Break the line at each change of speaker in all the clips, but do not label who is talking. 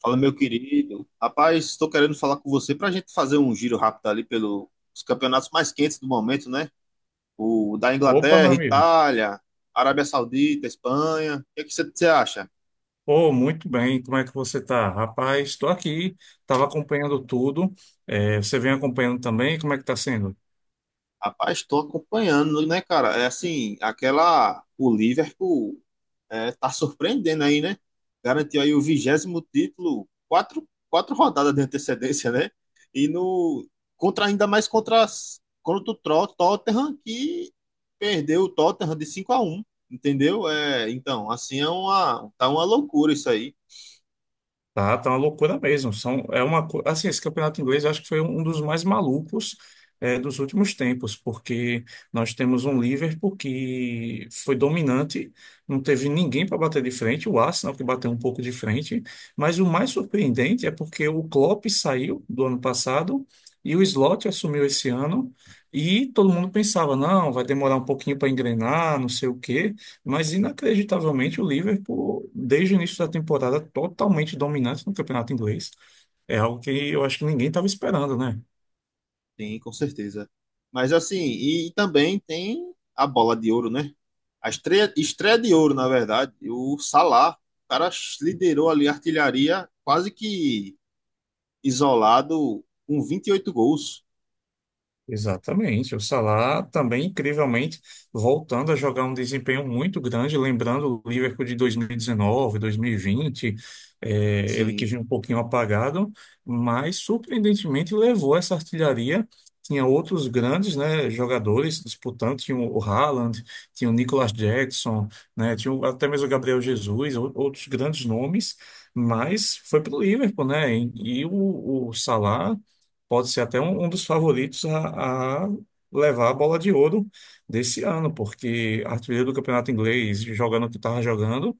Fala, meu querido. Rapaz, estou querendo falar com você para a gente fazer um giro rápido ali pelos campeonatos mais quentes do momento, né? O da
Opa, meu
Inglaterra,
amigo.
Itália, Arábia Saudita, Espanha. O que é que você acha?
Oh, muito bem. Como é que você tá? Rapaz, estou aqui, estava acompanhando tudo. Você vem acompanhando também? Como é que está sendo?
Rapaz, estou acompanhando, né, cara? É assim, aquela. O Liverpool é, tá surpreendendo aí, né? Garantiu aí o 20º título, quatro rodadas de antecedência, né? E no. Contra, ainda mais contra, contra o Tottenham, que perdeu o Tottenham de 5-1, entendeu? É, então, assim, tá uma loucura isso aí.
Tá, uma loucura mesmo. São, é uma, co- Assim, esse campeonato inglês eu acho que foi um dos mais malucos dos últimos tempos, porque nós temos um Liverpool que foi dominante, não teve ninguém para bater de frente, o Arsenal que bateu um pouco de frente, mas o mais surpreendente é porque o Klopp saiu do ano passado e o Slot assumiu esse ano, e todo mundo pensava, não, vai demorar um pouquinho para engrenar, não sei o quê. Mas inacreditavelmente o Liverpool, desde o início da temporada, totalmente dominante no campeonato inglês. É algo que eu acho que ninguém estava esperando, né?
Tem, com certeza. Mas assim, e, também tem a bola de ouro, né? A estreia de ouro, na verdade. O Salah, o cara liderou ali a artilharia quase que isolado com 28 gols.
Exatamente. O Salah também, incrivelmente, voltando a jogar um desempenho muito grande, lembrando o Liverpool de 2019, 2020, ele que
Sim,
vinha um pouquinho apagado, mas surpreendentemente levou essa artilharia. Tinha outros grandes, né, jogadores disputando, tinha o Haaland, tinha o Nicolas Jackson, né, até mesmo o Gabriel Jesus, outros grandes nomes, mas foi para o Liverpool, né? E o Salah pode ser até um dos favoritos a levar a bola de ouro desse ano, porque artilheiro do campeonato inglês, jogando o que estava jogando,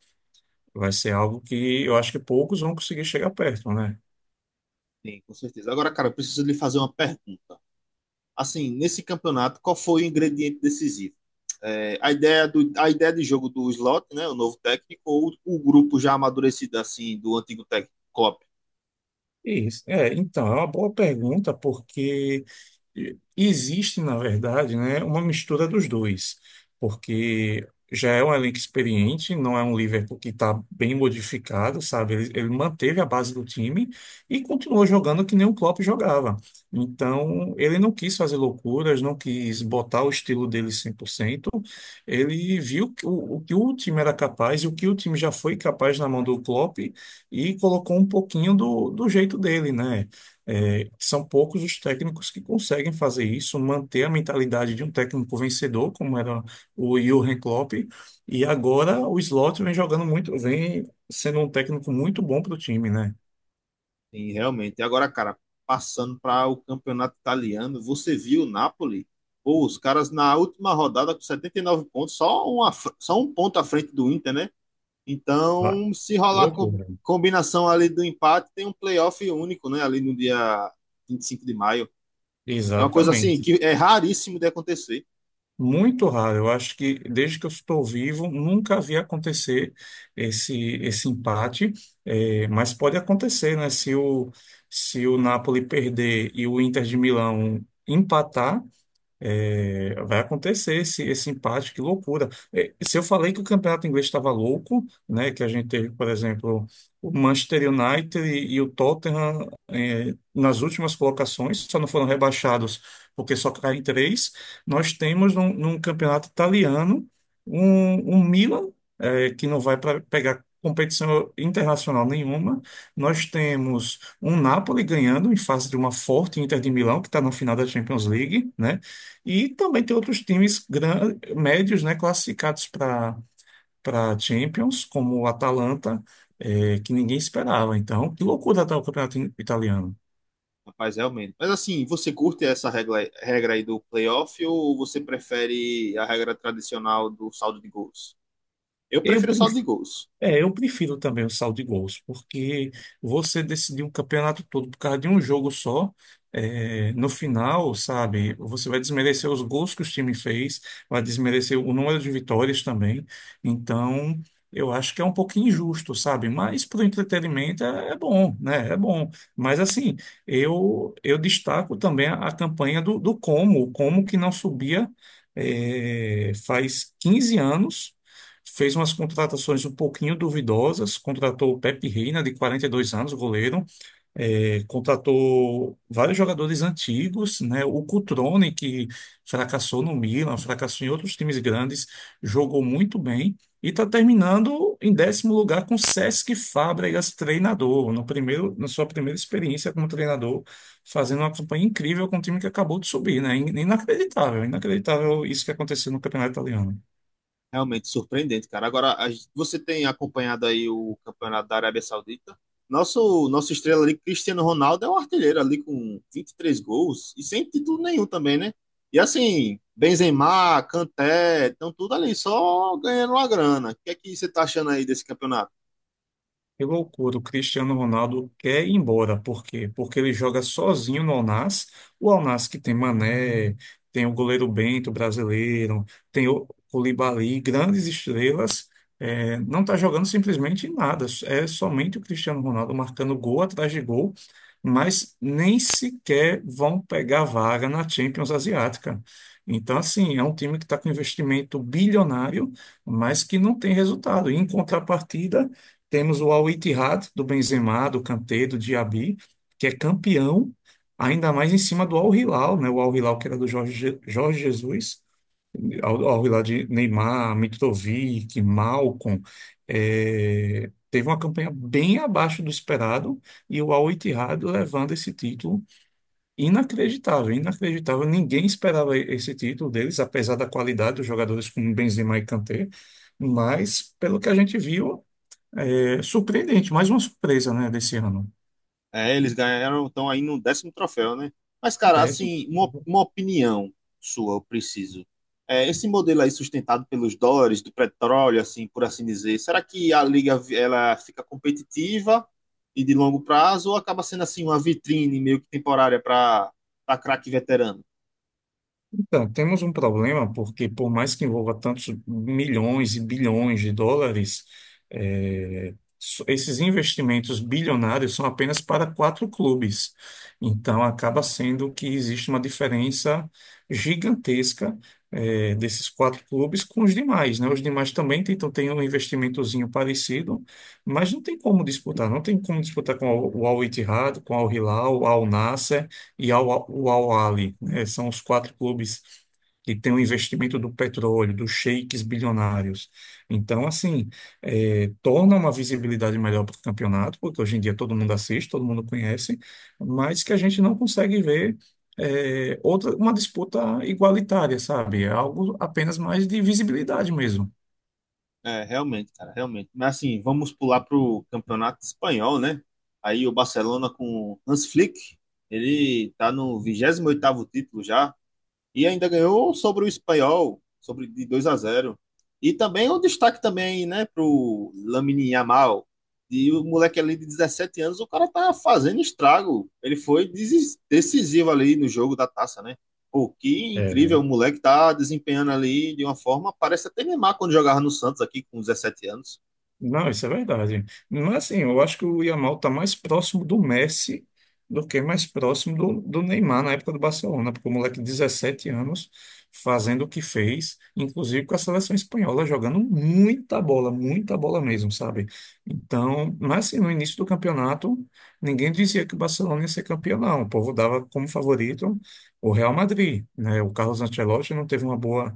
vai ser algo que eu acho que poucos vão conseguir chegar perto, né?
sim, com certeza. Agora, cara, eu preciso lhe fazer uma pergunta. Assim, nesse campeonato, qual foi o ingrediente decisivo? É, a ideia de jogo do Slot, né, o novo técnico, ou o grupo já amadurecido assim do antigo técnico Klopp?
Isso. É, então, é uma boa pergunta, porque existe, na verdade, né, uma mistura dos dois, porque já é um elenco experiente, não é um Liverpool que está bem modificado, sabe? Ele manteve a base do time e continuou jogando que nem o Klopp jogava. Então, ele não quis fazer loucuras, não quis botar o estilo dele 100%. Ele viu que o que o time era capaz e o que o time já foi capaz na mão do Klopp e colocou um pouquinho do jeito dele, né? É, são poucos os técnicos que conseguem fazer isso, manter a mentalidade de um técnico vencedor, como era o Jürgen Klopp, e agora o Slot vem jogando muito, vem sendo um técnico muito bom para o time, né?
Sim, realmente. E agora, cara, passando para o campeonato italiano, você viu o Napoli? Pô, os caras na última rodada com 79 pontos, só, só um ponto à frente do Inter, né?
Vai.
Então, se
Que
rolar co
loucura.
combinação ali do empate, tem um playoff único, né? Ali no dia 25 de maio. É uma coisa assim
Exatamente.
que é raríssimo de acontecer,
Muito raro. Eu acho que desde que eu estou vivo, nunca vi acontecer esse, esse empate. É, mas pode acontecer, né? Se o Napoli perder e o Inter de Milão empatar, é, vai acontecer esse empate, que loucura. É, se eu falei que o campeonato inglês estava louco, né, que a gente teve, por exemplo, o Manchester United e o Tottenham, é, nas últimas colocações, só não foram rebaixados porque só caem três, nós temos num campeonato italiano um Milan, é, que não vai para pegar competição internacional nenhuma. Nós temos um Napoli ganhando em face de uma forte Inter de Milão, que está na final da Champions League, né? E também tem outros times médios, né, classificados para Champions, como o Atalanta, que ninguém esperava. Então, que loucura tá o campeonato italiano.
rapaz, realmente. Mas assim, você curte essa regra aí do playoff ou você prefere a regra tradicional do saldo de gols? Eu
Eu
prefiro saldo de gols.
É, eu prefiro também o saldo de gols, porque você decidir um campeonato todo por causa de um jogo só, é, no final, sabe, você vai desmerecer os gols que o time fez, vai desmerecer o número de vitórias também. Então, eu acho que é um pouquinho injusto, sabe? Mas para o entretenimento é bom, né? É bom. Mas assim, eu destaco também a campanha do Como, o Como que não subia, é, faz 15 anos. Fez umas contratações um pouquinho duvidosas, contratou o Pepe Reina, de 42 anos, goleiro, é, contratou vários jogadores antigos, né? O Cutrone, que fracassou no Milan, fracassou em outros times grandes, jogou muito bem e está terminando em décimo lugar com Cesc Fábregas, treinador, no primeiro, na sua primeira experiência como treinador, fazendo uma campanha incrível com um time que acabou de subir, né? Inacreditável, inacreditável isso que aconteceu no Campeonato Italiano.
Realmente surpreendente, cara. Agora, a gente- você tem acompanhado aí o campeonato da Arábia Saudita? Nosso estrela ali, Cristiano Ronaldo, é um artilheiro ali com 23 gols e sem título nenhum também, né? E assim, Benzema, Kanté, estão tudo ali só ganhando uma grana. O que é que você tá achando aí desse campeonato?
Que loucura, o Cristiano Ronaldo quer ir embora. Por quê? Porque ele joga sozinho no Al Nassr. O Al Nassr que tem Mané, tem o goleiro Bento brasileiro, tem o Koulibaly, grandes estrelas, é, não está jogando simplesmente nada. É somente o Cristiano Ronaldo marcando gol atrás de gol, mas nem sequer vão pegar vaga na Champions Asiática. Então, assim, é um time que está com investimento bilionário, mas que não tem resultado. E, em contrapartida, temos o Al-Ittihad do Benzema, do Kanté, do Diaby, que é campeão, ainda mais em cima do Al-Hilal, né? O Al-Hilal que era do Jorge Jesus, Al-Hilal de Neymar, Mitrovic, Malcom. Teve uma campanha bem abaixo do esperado e o Al-Ittihad levando esse título inacreditável, inacreditável. Ninguém esperava esse título deles, apesar da qualidade dos jogadores como Benzema e Kanté, mas pelo que a gente viu. É surpreendente, mais uma surpresa, né, desse ano.
É, eles ganharam, estão aí no 10º troféu, né? Mas, cara,
10.
assim, uma opinião sua, eu preciso. É, esse modelo aí sustentado pelos dólares, do petróleo, assim, por assim dizer, será que a liga ela fica competitiva e de longo prazo ou acaba sendo assim uma vitrine meio que temporária para craque veterano?
Então, temos um problema porque, por mais que envolva tantos milhões e bilhões de dólares, esses investimentos bilionários são apenas para quatro clubes. Então, acaba sendo que existe uma diferença gigantesca, desses quatro clubes com os demais, né? Os demais também tentam ter um investimentozinho parecido, mas não tem como disputar. Não tem como disputar com o Al Ittihad, com o Al Hilal, o Al Nasser o Al Ahly. É, são os quatro clubes que têm o investimento do petróleo, dos sheiks bilionários. Então, assim, é, torna uma visibilidade melhor para o campeonato, porque hoje em dia todo mundo assiste, todo mundo conhece, mas que a gente não consegue ver uma disputa igualitária, sabe? É algo apenas mais de visibilidade mesmo.
É, realmente, cara, realmente. Mas assim, vamos pular pro campeonato espanhol, né? Aí o Barcelona com Hans Flick, ele tá no 28º título já. E ainda ganhou sobre o espanhol, sobre de 2-0. E também o destaque também, né, pro Lamine Yamal. E o moleque ali de 17 anos, o cara tá fazendo estrago. Ele foi decisivo ali no jogo da taça, né? Pô, que incrível, o moleque tá desempenhando ali de uma forma, parece até Neymar quando jogava no Santos aqui com 17 anos.
Não, isso é verdade. Mas assim, eu acho que o Yamal está mais próximo do Messi do que mais próximo do Neymar na época do Barcelona, porque o moleque de 17 anos fazendo o que fez, inclusive com a seleção espanhola, jogando muita bola mesmo, sabe? Então, mas assim, no início do campeonato, ninguém dizia que o Barcelona ia ser campeão, não. O povo dava como favorito o Real Madrid, né? O Carlos Ancelotti não teve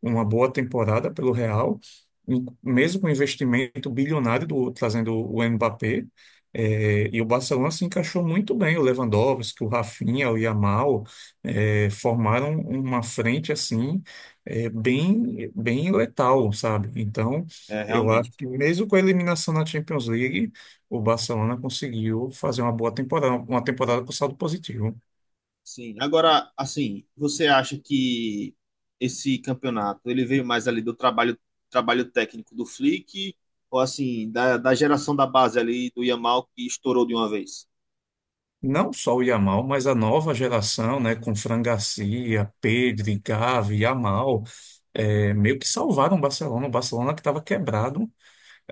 uma boa temporada pelo Real mesmo com o investimento bilionário do trazendo o Mbappé, e o Barcelona se encaixou muito bem. O Lewandowski, o Rafinha, o Yamal, formaram uma frente assim, bem letal, sabe? Então,
É,
eu acho
realmente.
que mesmo com a eliminação na Champions League, o Barcelona conseguiu fazer uma boa temporada, uma temporada com saldo positivo.
Sim. Agora, assim, você acha que esse campeonato ele veio mais ali do trabalho técnico do Flick ou assim da geração da base ali do Yamal que estourou de uma vez?
Não só o Yamal, mas a nova geração, né, com Fran Garcia, Pedri, Gavi, Yamal, meio que salvaram o Barcelona. O Barcelona que estava quebrado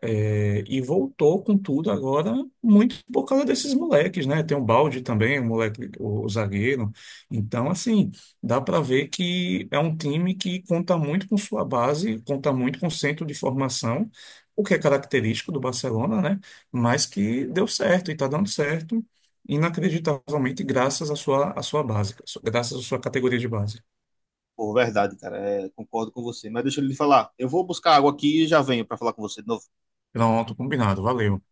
é, e voltou com tudo agora, muito por causa desses moleques, né? Tem um Balde também, o moleque, o zagueiro. Então, assim, dá para ver que é um time que conta muito com sua base, conta muito com o centro de formação, o que é característico do Barcelona, né? Mas que deu certo e está dando certo, inacreditavelmente, graças à sua base, graças à sua categoria de base.
Por verdade, cara, é, concordo com você. Mas deixa ele falar. Eu vou buscar água aqui e já venho para falar com você de novo.
Pronto, combinado, valeu.